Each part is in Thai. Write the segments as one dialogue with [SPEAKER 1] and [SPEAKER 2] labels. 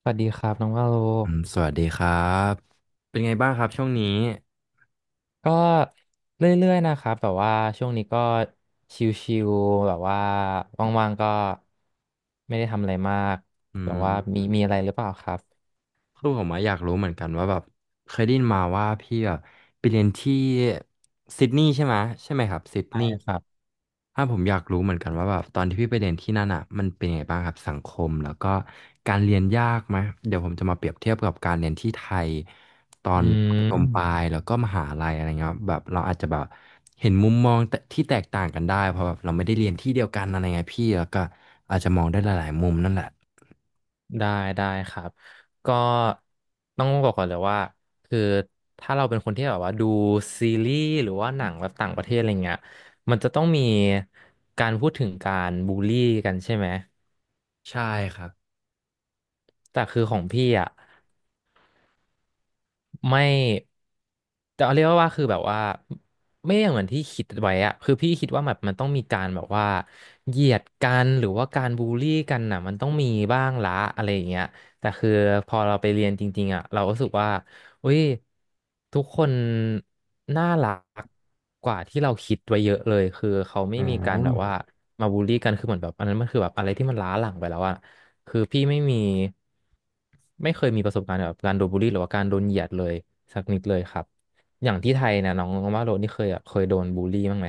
[SPEAKER 1] สวัสดีครับน้องว่าโล
[SPEAKER 2] อืมสวัสดีครับ เป็นไงบ้างครับช่วงนี้
[SPEAKER 1] ก็เรื่อยๆนะครับแบบว่าช่วงนี้ก็ชิลๆแบบว่าว่างๆก็ไม่ได้ทำอะไรมาก
[SPEAKER 2] อื
[SPEAKER 1] แบบ
[SPEAKER 2] ม
[SPEAKER 1] ว่ามีอะไรหรือเปล่าครับ
[SPEAKER 2] คือผมอะอยากรู้เหมือนกันว่าแบบเคยได้ยินมาว่าพี่แบบไปเรียนที่ซิดนีย์ใช่ไหมใช่ไหมครับซิด
[SPEAKER 1] ใช่
[SPEAKER 2] นีย์
[SPEAKER 1] ครับ
[SPEAKER 2] ถ้าผมอยากรู้เหมือนกันว่าแบบตอนที่พี่ไปเรียนที่นั่นอ่ะมันเป็นยังไงบ้างครับสังคมแล้วก็การเรียนยากไหมเดี๋ยวผมจะมาเปรียบเทียบกับการเรียนที่ไทยตอ
[SPEAKER 1] อื
[SPEAKER 2] นประถมปลา
[SPEAKER 1] ม
[SPEAKER 2] ยแล้วก็มหาลัยอะไรเงี้ยครับแบบเราอาจจะแบบเห็นมุมมองแต่ที่แตกต่างกันได้เพราะแบบเราไม่ได้เรียนที่เดียวกันอะไรเงี้ยพี่แล้วก็อาจจะมองได้หลายๆมุมนั่นแหละ
[SPEAKER 1] ได้ได้ครับก็ต้องบอกก่อนเลยว่าคือถ้าเราเป็นคนที่แบบว่าดูซีรีส์หรือว่าหนังแบบต่างประเทศอะไรเงี้ยมันจะต้องมีการพูดถึงการบูลลี่กันใช่ไหม
[SPEAKER 2] ใช่ครับ
[SPEAKER 1] แต่คือของพี่อ่ะ ไม่แต่เอาเรียกว่าคือแบบว่าไม่อย่างเหมือนที่คิดไว้อะคือพี่คิดว่าแบบมันต้องมีการแบบว่าเหยียดกันหรือว่าการบูลลี่กันน่ะมันต้องมีบ้างละอะไรอย่างเงี้ยแต่คือพอเราไปเรียนจริงๆอะเราก็รู้สึกว่าอุ้ยทุกคนน่ารักกว่าที่เราคิดไว้เยอะเลยคือเขาไม่
[SPEAKER 2] อื
[SPEAKER 1] มีการแบบว่า
[SPEAKER 2] ม
[SPEAKER 1] มาบูลลี่กันคือเหมือนแบบอันนั้นมันคือแบบอะไรที่มันล้าหลังไปแล้วอะ คือพี่ไม่มีไม่เคยมีประสบการณ์แบบการโดนบูลลี่หรือว่าการโดนเหยียดเลยสักนิดเลยครับอย่างที่ไทยเนี่ยน้องน้องว่าโรนี่เคยแบบเคยโดนบูลลี่บ้างไหม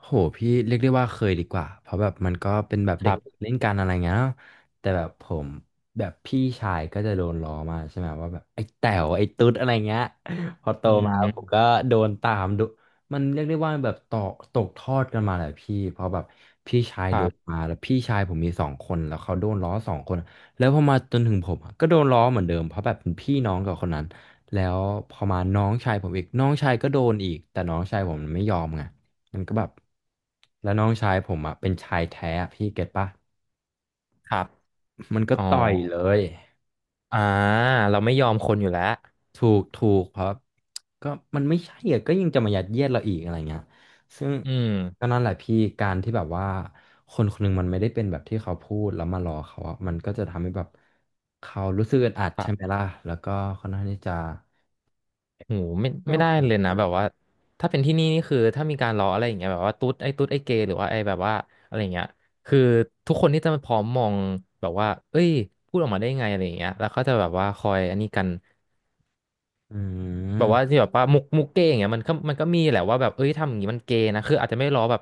[SPEAKER 2] โหพี่เรียกได้ว่าเคยดีกว่า เพราะแบบมันก็เป็นแบบ
[SPEAKER 1] ค
[SPEAKER 2] เด็ก
[SPEAKER 1] รับ
[SPEAKER 2] เล่นกันอะไรเงี้ยเนาะแต่แบบผมแบบพี่ชายก็จะโดนล้อมาใช่ไหมว่าแบบไอ้แต๋วไอ้ตุ๊ดอะไรเงี้ยพอโต
[SPEAKER 1] อื
[SPEAKER 2] มาผม
[SPEAKER 1] ม
[SPEAKER 2] ก็โดนตามดูมันเรียกได้ว่าแบบต่อตกทอดกันมาแหละพี่เพราะแบบพี่ชาย
[SPEAKER 1] ค
[SPEAKER 2] โด
[SPEAKER 1] รั
[SPEAKER 2] น
[SPEAKER 1] บ
[SPEAKER 2] มาแล้วพี่ชายผมมีสองคนแล้วเขาโดนล้อสองคนแล้วพอมาจนถึงผมอะก็โดนล้อเหมือนเดิมเพราะแบบเป็นพี่น้องกับคนนั้นแล้วพอมาน้องชายผมอีกน้องชายก็โดนอีกแต่น้องชายผมมันไม่ยอมไง มันก็แบบแล้วน้องชายผมอ่ะเป็นชายแท้อะพี่เก็ตปะ
[SPEAKER 1] ครับ
[SPEAKER 2] มันก็
[SPEAKER 1] อ๋อ
[SPEAKER 2] ต่อยเลย
[SPEAKER 1] อ่าเราไม่ยอมคนอยู่แล้ว
[SPEAKER 2] ถูกถูกเพราะก็มันไม่ใช่อะก็ยังจะมายัดเยียดเราอีกอะไรเงี้ยซึ่ง
[SPEAKER 1] อื
[SPEAKER 2] ก็
[SPEAKER 1] ม
[SPEAKER 2] นั่นแหละพี่การที่แบบว่าคนคนหนึงมันไม่ได้เป็นแบบที่เขาพูดแล้วมารอเขาอะมันก็จะทำให้แบบเขารู้สึกอึดอัด
[SPEAKER 1] ครั
[SPEAKER 2] ใช่ไหม
[SPEAKER 1] บ
[SPEAKER 2] ล่ะแล้วก็ค่อนข้างที่จะ
[SPEAKER 1] โหไม่
[SPEAKER 2] ไม่
[SPEAKER 1] ไม่
[SPEAKER 2] โอ
[SPEAKER 1] ได้
[SPEAKER 2] เค
[SPEAKER 1] เลยนะแบบว่าถ้าเป็นที่นี่นี่คือถ้ามีการล้ออะไรอย่างเงี้ยแบบว่าตุ๊ดไอ้ตุ๊ดไอ้เกย์หรือว่าไอ้แบบว่าอะไรอย่างเงี้ยคือทุกคนที่จะมาพร้อมมองแบบว่าเอ้ยพูดออกมาได้ไงอะไรอย่างเงี้ยแล้วเขาจะแบบว่าคอยอันนี้กัน
[SPEAKER 2] อื
[SPEAKER 1] แบบว่า
[SPEAKER 2] ม
[SPEAKER 1] ที่แบบว่ามุกเก้อย่างเงี้ยมันก็มีแหละว่าแบบเอ้ยทำอย่างนี้มันเกย์นะคืออาจจะไม่ล้อแบบ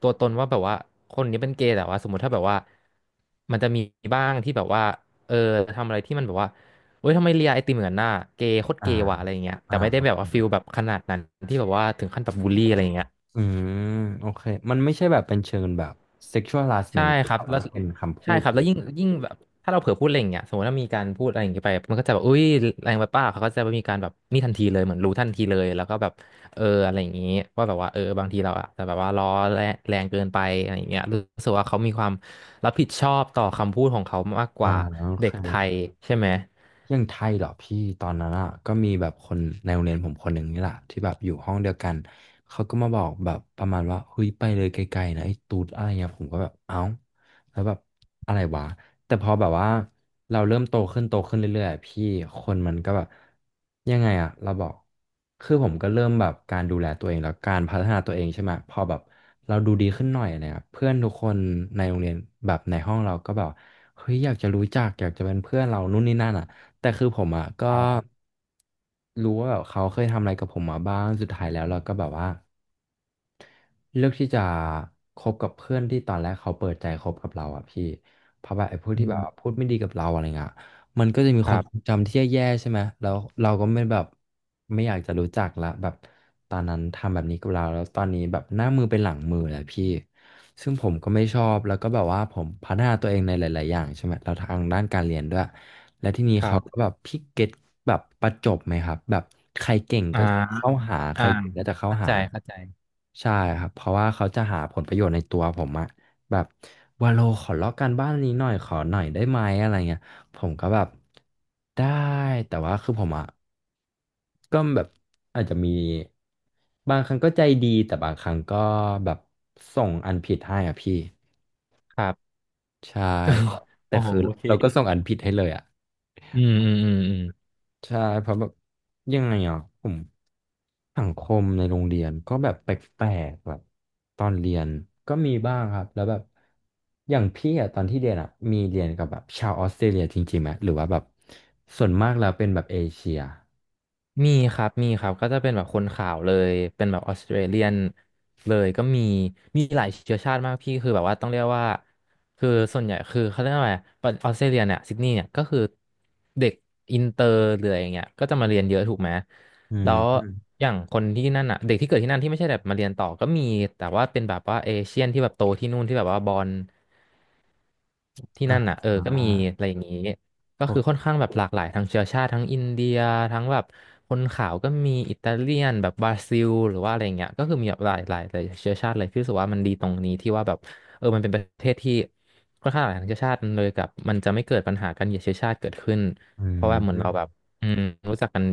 [SPEAKER 1] ตัวตนว่าแบบว่าคนนี้เป็นเกย์แต่ว่าสมมติถ้าแบบว่ามันจะมีบ้างที่แบบว่าเออทำอะไรที่มันแบบว่าเอ้ยทำไมเลียไอติมเหมือนนหน้าเกย์โคตร
[SPEAKER 2] อ่า
[SPEAKER 1] เกย์ว่ะอะไรอย่างเงี้ยแต่
[SPEAKER 2] อ่า
[SPEAKER 1] ไม่ได้แบบว่าฟิลแบบขนาดนั้นที่แบบว่าถึงขั้นแบบบูลลี่อะไรอย่างเงี้ย
[SPEAKER 2] อืมโอเคมันไม่ใช่แบบเป็นเชิงแบบ sexual
[SPEAKER 1] ใช่
[SPEAKER 2] harassment
[SPEAKER 1] ครั
[SPEAKER 2] แต่
[SPEAKER 1] บแล้
[SPEAKER 2] ว่า
[SPEAKER 1] ว
[SPEAKER 2] เป็นคำพู
[SPEAKER 1] ใช่
[SPEAKER 2] ด
[SPEAKER 1] ครับ
[SPEAKER 2] เล
[SPEAKER 1] แล้ว
[SPEAKER 2] ย
[SPEAKER 1] ยิ่งแบบถ้าเราเผลอพูดอะไรอย่างเงี้ยสมมติถ้ามีการพูดอะไรอย่างเงี้ยไปมันก็จะแบบอุ้ยแรงไปป้าเขาก็จะมีการแบบนี่ทันทีเลยเหมือนรู้ทันทีเลยแล้วก็แบบเอออะไรอย่างงี้ว่าแบบว่าเออบางทีเราอะแต่แบบว่าล้อแรงแรงเกินไปอะไรอย่างเงี้ยรู้สึกว่าเขามีความรับผิดชอบต่อคำพูดของเขามากก
[SPEAKER 2] อ่า
[SPEAKER 1] ว่า
[SPEAKER 2] โอเค
[SPEAKER 1] เด็กไท
[SPEAKER 2] อ
[SPEAKER 1] ยใช่ไหม
[SPEAKER 2] อย่างไทยเหรอพี่ตอนนั้นอ่ะก็มีแบบคนในโรงเรียนผมคนหนึ่งนี่แหละที่แบบอยู่ห้องเดียวกันเขาก็มาบอกแบบประมาณว่าเฮ้ยไปเลยไกลๆนะไอ้ตูดอะไรเงี้ยผมก็แบบเอ้าแล้วแบบอะไรวะแต่พอแบบว่าเราเริ่มโตขึ้นโตขึ้นเรื่อยๆอะพี่คนมันก็แบบยังไงอ่ะเราบอกคือผมก็เริ่มแบบการดูแลตัวเองแล้วการพัฒนาตัวเองใช่ไหมพอแบบเราดูดีขึ้นหน่อยอะไรเงี้ยเพื่อนทุกคนในโรงเรียนแบบในห้องเราก็แบบเฮ้ยอยากจะรู้จักอยากจะเป็นเพื่อนเรานู่นนี่นั่นอ่ะ แต่คือผมอ่ะก็
[SPEAKER 1] ครับ
[SPEAKER 2] รู้ว่าแบบเขาเคยทำอะไรกับผมมาบ้างสุดท้ายแล้วเราก็แบบว่าเลือกที่จะคบกับเพื่อนที่ตอนแรกเขาเปิดใจคบกับเราอ่ะพี่เพราะแบบไอ้พวก
[SPEAKER 1] อื
[SPEAKER 2] ที่แบบว่าพู
[SPEAKER 1] ม
[SPEAKER 2] ดไม่ดีกับเราอะไรเงี้ยมันก็จะมี
[SPEAKER 1] ค
[SPEAKER 2] ควา
[SPEAKER 1] รั
[SPEAKER 2] มทรง
[SPEAKER 1] บ
[SPEAKER 2] จำที่แย่ๆใช่ไหมแล้วเราก็ไม่แบบไม่อยากจะรู้จักละแบบตอนนั้นทำแบบนี้กับเราแล้วตอนนี้แบบหน้ามือเป็นหลังมือแล้วพี่ ซึ่งผมก็ไม่ชอบแล้วก็แบบว่าผมพัฒนาตัวเองในหลายๆอย่างใช่ไหมเราทางด้านการเรียนด้วยและที่นี้
[SPEAKER 1] ครั
[SPEAKER 2] เขาก็
[SPEAKER 1] บ
[SPEAKER 2] แบบพิกเก็ตแบบประจบไหมครับแบบใครเก่ง
[SPEAKER 1] อ่า
[SPEAKER 2] ก็จะเข้าหาใค
[SPEAKER 1] อ่า
[SPEAKER 2] รเก่งก็จะเข้า
[SPEAKER 1] เข้าใจ
[SPEAKER 2] หา
[SPEAKER 1] เข้าใจ
[SPEAKER 2] ใช่ครับเพราะว่าเขาจะหาผลประโยชน์ในตัวผมอะแบบวาโลขอลอกการบ้านนี้หน่อยขอหน่อยได้ไหมอะไรเงี้ยผมก็แบบได้แต่ว่าคือผมอะก็แบบอาจจะมีบางครั้งก็ใจดีแต่บางครั้งก็แบบส่งอันผิดให้อะพี่
[SPEAKER 1] ครับ
[SPEAKER 2] ใช่ แต่
[SPEAKER 1] โอ้โห
[SPEAKER 2] คือ
[SPEAKER 1] โอเค
[SPEAKER 2] เราก็ส่งอันผิดให้เลยอ่ะ
[SPEAKER 1] อืมอืมอืมอืม
[SPEAKER 2] ใช่เพราะแบบยังไงอ่ะผมสังคมในโรงเรียนก็แบบแปลกๆแบบตอนเรียนก็มีบ้างครับแล้วแบบอย่างพี่อ่ะตอนที่เรียนอ่ะมีเรียนกับแบบชาวออสเตรเลียจริงๆไหมหรือว่าแบบส่วนมากแล้วเป็นแบบเอเชีย
[SPEAKER 1] มีครับ มีครับ ก็จะเป็นแบบคนขาวเลย เป็นแบบออสเตรเลียนเลย ก็มี มีหลายเชื้อชาติมากพี่คือแบบว่าต้องเรียกว่าคือส่วนใหญ่คือเขาเรียกว่าอะไรออสเตรเลียเนี่ยซิดนีย์เนี่ยก็คือเด็กอินเตอร์เลยอย่างเงี้ยก็จะมาเรียนเยอะถูกไหม
[SPEAKER 2] อืม
[SPEAKER 1] แล้ว
[SPEAKER 2] อม
[SPEAKER 1] อย่างคนที่นั่นอ่ะเด็กที่เกิดที่นั่นที่ไม่ใช่แบบมาเรียนต่อก็มีแต่ว่าเป็นแบบว่าเอเชียนที่แบบโตที่นู่นที่แบบว่าบอล ที่นั่น
[SPEAKER 2] อ่า
[SPEAKER 1] อ่ะเออก็มีอะไรอย่างนี้ก็คือ
[SPEAKER 2] โอ
[SPEAKER 1] ค่อนข้างแบบหลากหลายทั้งเชื้อชาติทั้งอินเดียทั้งแบบคนขาวก็มีอิตาเลียนแบบบราซิลหรือว่าอะไรอย่างเงี้ยก็คือมีแบบหลายเชื้อชาติเลยพี่รู้สึกว่ามันดีตรงนี้ที่ว่าแบบเออมันเป็นประเทศที่ค่อนข้างหลากหลายทางเชื้อชาติเลยกับมันจะไม่เกิดปัญหาการเหยียดเชื้อชาติเกิดขึ้น
[SPEAKER 2] อื
[SPEAKER 1] เพราะว่าเหมือนเราแบบ
[SPEAKER 2] ม
[SPEAKER 1] อืมรู้จักกัน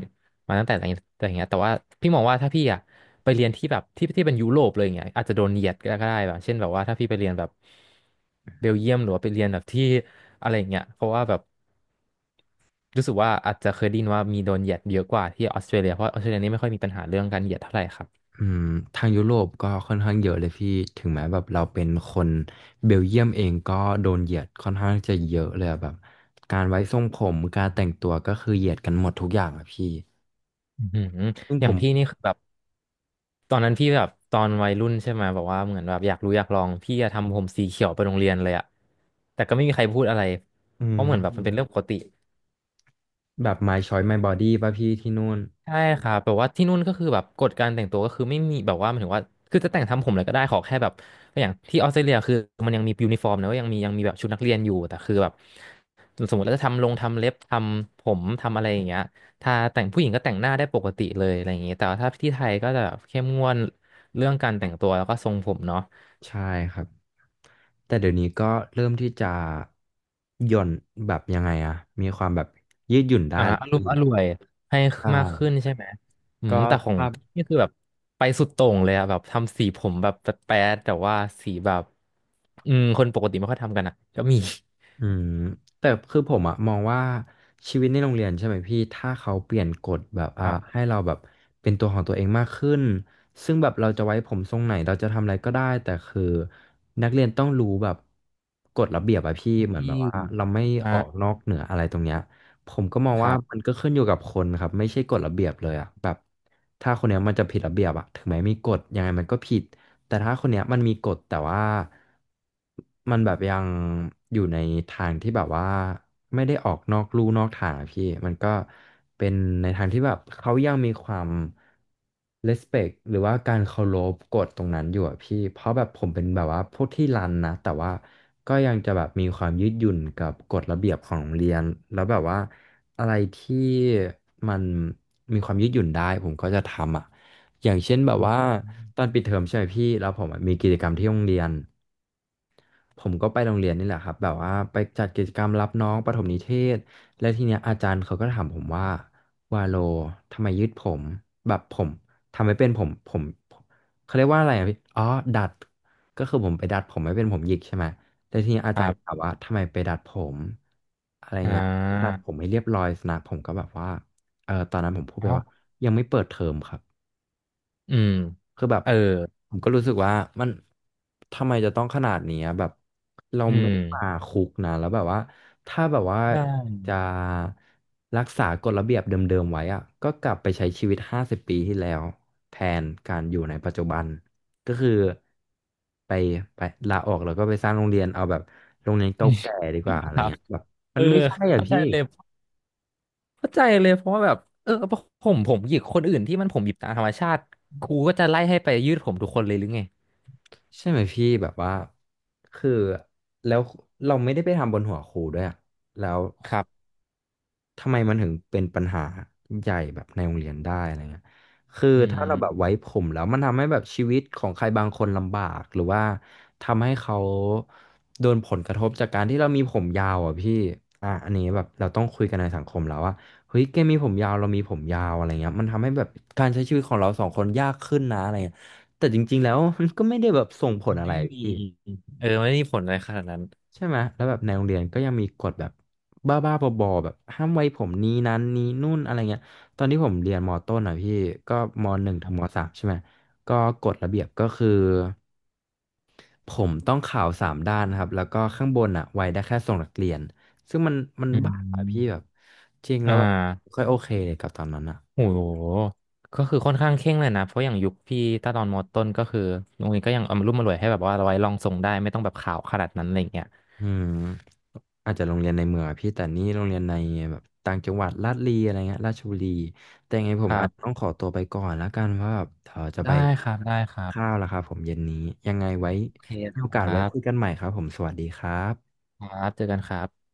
[SPEAKER 1] มาตั้งแต่อะแต่อย่างเงี้ยแต่ว่าพี่มองว่าถ้าพี่อ่ะไปเรียนที่แบบที่เป็นยุโรปเลยอย่างเงี้ยอาจจะโดนเหยียดก็ได้แบบเช่นแบบว่าถ้าพี่ไปเรียนแบบเบลเยียมหรือว่าไปเรียนแบบที่อะไรอย่างเงี้ยเพราะว่าแบบรู้สึกว่าอาจจะเคยได้ยินว่ามีโดนเหยียดเยอะกว่าที่ออสเตรเลียเพราะออสเตรเลียนี่ไม่ค่อยมีปัญหาเรื่องการเหยียดเท่าไหร่ครับ
[SPEAKER 2] อืมทางยุโรปก็ค่อนข้างเยอะเลยพี่ถึงแม้แบบเราเป็นคนเบลเยียมเองก็โดนเหยียดค่อนข้างจะเยอะเลยอะแบบการไว้ทรงผมการแต่งตัวก็คือเหยียดกันหมดทุกอย่างอะพี่
[SPEAKER 1] อืม
[SPEAKER 2] ซึ่ง
[SPEAKER 1] อ
[SPEAKER 2] ผ
[SPEAKER 1] ย่าง
[SPEAKER 2] ม
[SPEAKER 1] พี่นี่คือแบบตอนนั้นพี่แบบตอนวัยรุ่นใช่ไหมแบบว่าเหมือนแบบอยากรู้อยากลองพี่จะทำผมสีเขียวไปโรงเรียนเลยอะแต่ก็ไม่มีใครพูดอะไร
[SPEAKER 2] อื
[SPEAKER 1] เพราะเหมือนแบบมันเป็นเรื่อง
[SPEAKER 2] ม
[SPEAKER 1] ปกติ
[SPEAKER 2] แบบ my choice my body ป่ะพี่ที่นู่น
[SPEAKER 1] ใช่ครับแบบว่าที่นู่นก็คือแบบกฎการแต่งตัวก็คือไม่มีแบบว่าหมายถึงว่าคือจะแต่งทำผมอะไรก็ได้ขอแค่แบบอย่างที่ออสเตรเลียคือมันยังมียูนิฟอร์มนะว่ายังมีแบบชุดนักเรียนอยู่แต่คือแบบสมมติเราจะทำลงทำเล็บทำผมทำอะไรอย่างเงี้ยถ้าแต่งผู้หญิงก็แต่งหน้าได้ปกติเลยอะไรอย่างเงี้ยแต่ว่าถ้าที่ไทยก็จะแบบเข้มงวดเรื่องการแต่งตัวแล้วก็ทรงผมเนาะ
[SPEAKER 2] ใช่ครับแต่เดี๋ยวนี้ก็เริ่มที่จะหย่อนแบบยังไงอะมีความแบบยืดหยุ่นได้
[SPEAKER 1] อ่า
[SPEAKER 2] แล้ว
[SPEAKER 1] อารม
[SPEAKER 2] พี่
[SPEAKER 1] ณ์อร่วยให้
[SPEAKER 2] ใช่
[SPEAKER 1] มากขึ้นใช่ไหมอื
[SPEAKER 2] ก็
[SPEAKER 1] มแต่ของ
[SPEAKER 2] ถ้า
[SPEAKER 1] นี่คือแบบไปสุดโต่งเลยอะแบบทำสีผมแบบแป๊ดๆแต่ว่าสีแบบอืมคนปกติไม่ค่อยทำกันอะก็มี
[SPEAKER 2] อืมแต่คือผมอะมองว่าชีวิตในโรงเรียนใช่ไหมพี่ถ้าเขาเปลี่ยนกฎแบบ
[SPEAKER 1] ครับ
[SPEAKER 2] ให้เราแบบเป็นตัวของตัวเองมากขึ้นซึ่งแบบเราจะไว้ผมทรงไหนเราจะทำอะไรก็ได้แต่คือนักเรียนต้องรู้แบบกฎระเบียบอะพี่เหมือน
[SPEAKER 1] ที่
[SPEAKER 2] แบบว่าเราไม่
[SPEAKER 1] อ่า
[SPEAKER 2] ออกนอกเหนืออะไรตรงเนี้ยผมก็มอง
[SPEAKER 1] ค
[SPEAKER 2] ว่า
[SPEAKER 1] รั
[SPEAKER 2] มัน
[SPEAKER 1] บ
[SPEAKER 2] ก็ขึ้นอยู่กับคนครับไม่ใช่กฎระเบียบเลยอะแบบถ้าคนเนี้ยมันจะผิดระเบียบอะถึงแม้มีกฎยังไงมันก็ผิด แต่ถ้าคนเนี้ยมันมีกฎแต่ว่ามันแบบยังอยู่ในทางที่แบบว่าไม่ได้ออกนอกลู่นอกทางอะพี่มันก็เป็นในทางที่แบบเขายังมีความ respect หรือว่าการเคารพกฎตรงนั้นอยู่อะพี่เพราะแบบผมเป็นแบบว่าพวกที่รันนะแต่ว่าก็ยังจะแบบมีความยืดหยุ่นกับกฎระเบียบของโรงเรียนแล้วแบบว่าอะไรที่มันมีความยืดหยุ่นได้ผมก็จะทำอ่ะ อย่างเช่นแบบว่าตอนปิดเทอมใช่ไหมพี่แล้วผมอะมีกิจกรรมที่โรงเรียนผมก็ไปโรงเรียนนี่แหละครับแบบว่าไปจัดกิจกรรมรับน้องประถมนิเทศและทีเนี้ยอาจารย์เขาก็ถามผมว่าวาโลทำไมยืดผมแบบผมทำไม่เป็นผมผมเขาเรียกว่าอะไรอ่ะพี่อ๋อดัดก็คือผมไปดัดผมไม่เป็นผมหยิกใช่ไหมแต่ทีเนี้ยอา
[SPEAKER 1] ค
[SPEAKER 2] จา
[SPEAKER 1] รั
[SPEAKER 2] รย์ก็ถาม
[SPEAKER 1] บ
[SPEAKER 2] ว่าทำไมไปดัดผมอะไร
[SPEAKER 1] อ่
[SPEAKER 2] เงี้ยดัด
[SPEAKER 1] า
[SPEAKER 2] ผมให้เรียบร้อยสนะผมก็แบบว่าเออตอนนั้นผมพูดไป
[SPEAKER 1] เอ้า
[SPEAKER 2] ว่ายังไม่เปิดเทอมครับ
[SPEAKER 1] อืม
[SPEAKER 2] คือแบบ
[SPEAKER 1] เออ
[SPEAKER 2] ผมก็รู้สึกว่ามันทำไมจะต้องขนาดนี้อะแบบเรา
[SPEAKER 1] อื
[SPEAKER 2] ไม่
[SPEAKER 1] ม
[SPEAKER 2] ได้มาคุกนะแล้วแบบว่าถ้าแบบว่า
[SPEAKER 1] ใช่
[SPEAKER 2] จะรักษากฎระเบียบเดิมๆไว้อะก็กลับไปใช้ชีวิต50ปีที่แล้วแทนการอยู่ในปัจจุบันก็คือไปไปลาออกแล้วก็ไปสร้างโรงเรียนเอาแบบโรงเรียน
[SPEAKER 1] อื
[SPEAKER 2] เก่า
[SPEAKER 1] ม
[SPEAKER 2] แก่ดีกว่าอะไร
[SPEAKER 1] ครับ
[SPEAKER 2] เงี้ยแบบ
[SPEAKER 1] เอ
[SPEAKER 2] มั
[SPEAKER 1] อ
[SPEAKER 2] นไม่ใช่อ่ะ
[SPEAKER 1] เข้าใจ
[SPEAKER 2] พี่
[SPEAKER 1] เลยเข้าใจเลยเพราะว่าแบบเออผมหยิกคนอื่นที่มันผมหยิบตามธรรมชาติครูก็จะไล่ให้ไปยืดผมทุกคนเลยหรือไง
[SPEAKER 2] ใช่ไหมพี่แบบว่าคือแล้วเราไม่ได้ไปทำบนหัวครูด้วยอะแล้ว
[SPEAKER 1] ครับ
[SPEAKER 2] ทำไมมันถึงเป็นปัญหาใหญ่แบบในโรงเรียนได้อะไรเงี้ยคือ
[SPEAKER 1] อื
[SPEAKER 2] ถ้า
[SPEAKER 1] ม
[SPEAKER 2] เราแบบไว้ผมแล้วมันทำให้แบบชีวิตของใครบางคนลำบากหรือว่าทำให้เขาโดนผลกระทบจากการที่เรามีผมยาวอ่ะพี่อ่ะอันนี้แบบเราต้องคุยกันในสังคมแล้วว่าเฮ้ยแกมีผมยาวเรามีผมยาวอะไรเงี้ยมันทำให้แบบการใช้ชีวิตของเราสองคนยากขึ้นนะอะไรเงี้ยแต่จริงๆแล้วมันก็ไม่ได้แบบส่งผ
[SPEAKER 1] มั
[SPEAKER 2] ล
[SPEAKER 1] น
[SPEAKER 2] อะไร
[SPEAKER 1] ไม่มี
[SPEAKER 2] พี่
[SPEAKER 1] เออไม่ได้มีผลอะไรขนาดนั้น
[SPEAKER 2] ใช่ไหมแล้วแบบในโรงเรียนก็ยังมีกฎแบบบ้าๆบอๆแบบห้ามไว้ผมนี้นั้นนี้นู่นอะไรเงี้ย ตอนที่ผมเรียนมต้นอ่ะพี่ก็ม.1ถึงม.3ใช่ไหมก็กฎระเบียบก็คือผมต้องขาวสามด้านนะครับ แล้วก็ข้างบนอ่ะไว้ได้แค่ทรงนักเรียน ซึ่งมัน
[SPEAKER 1] อื
[SPEAKER 2] บ้าอะพี่แบ
[SPEAKER 1] ม
[SPEAKER 2] บจริงแล้
[SPEAKER 1] อ่า
[SPEAKER 2] วแบบไม่ค่อยโอเคเลยกับตอนนั้นอ่ะ
[SPEAKER 1] โอ้โห ก็คือค่อนข้างเคร่งเลยนะ เพราะอย่างยุคพี่ตาตอนมอต้นก็คือโรงเรียนก็ยังเอามารุ่มมารวยให้แบบว่าเราไว้ลองส่งได้ไม่ต้องแบบข่าวขนาดนั้นอะไรอย่างเงี้ย
[SPEAKER 2] อืมอาจจะโรงเรียนในเมืองอะพี่แต่นี่โรงเรียนในแบบต่างจังหวัดลาดลีอะไรเงี้ยราชบุรีแต่ยังไงผ
[SPEAKER 1] ค
[SPEAKER 2] ม
[SPEAKER 1] รั
[SPEAKER 2] อาจต้อ
[SPEAKER 1] บ
[SPEAKER 2] งขอตัวไปก่อนแล้วกันเพราะแบบเดี๋ยวจะไป
[SPEAKER 1] ได้ครับได้ค
[SPEAKER 2] กิน
[SPEAKER 1] รั
[SPEAKER 2] ข้า
[SPEAKER 1] บ
[SPEAKER 2] วแล้วครับผมเย็นนี้ยังไงไว้
[SPEAKER 1] โอเค
[SPEAKER 2] มี
[SPEAKER 1] ค
[SPEAKER 2] โอกาส
[SPEAKER 1] รั
[SPEAKER 2] ไว้คุย
[SPEAKER 1] บ
[SPEAKER 2] กันใหม่ครับผมสวัสดีครับ
[SPEAKER 1] ครับเจอกันครับ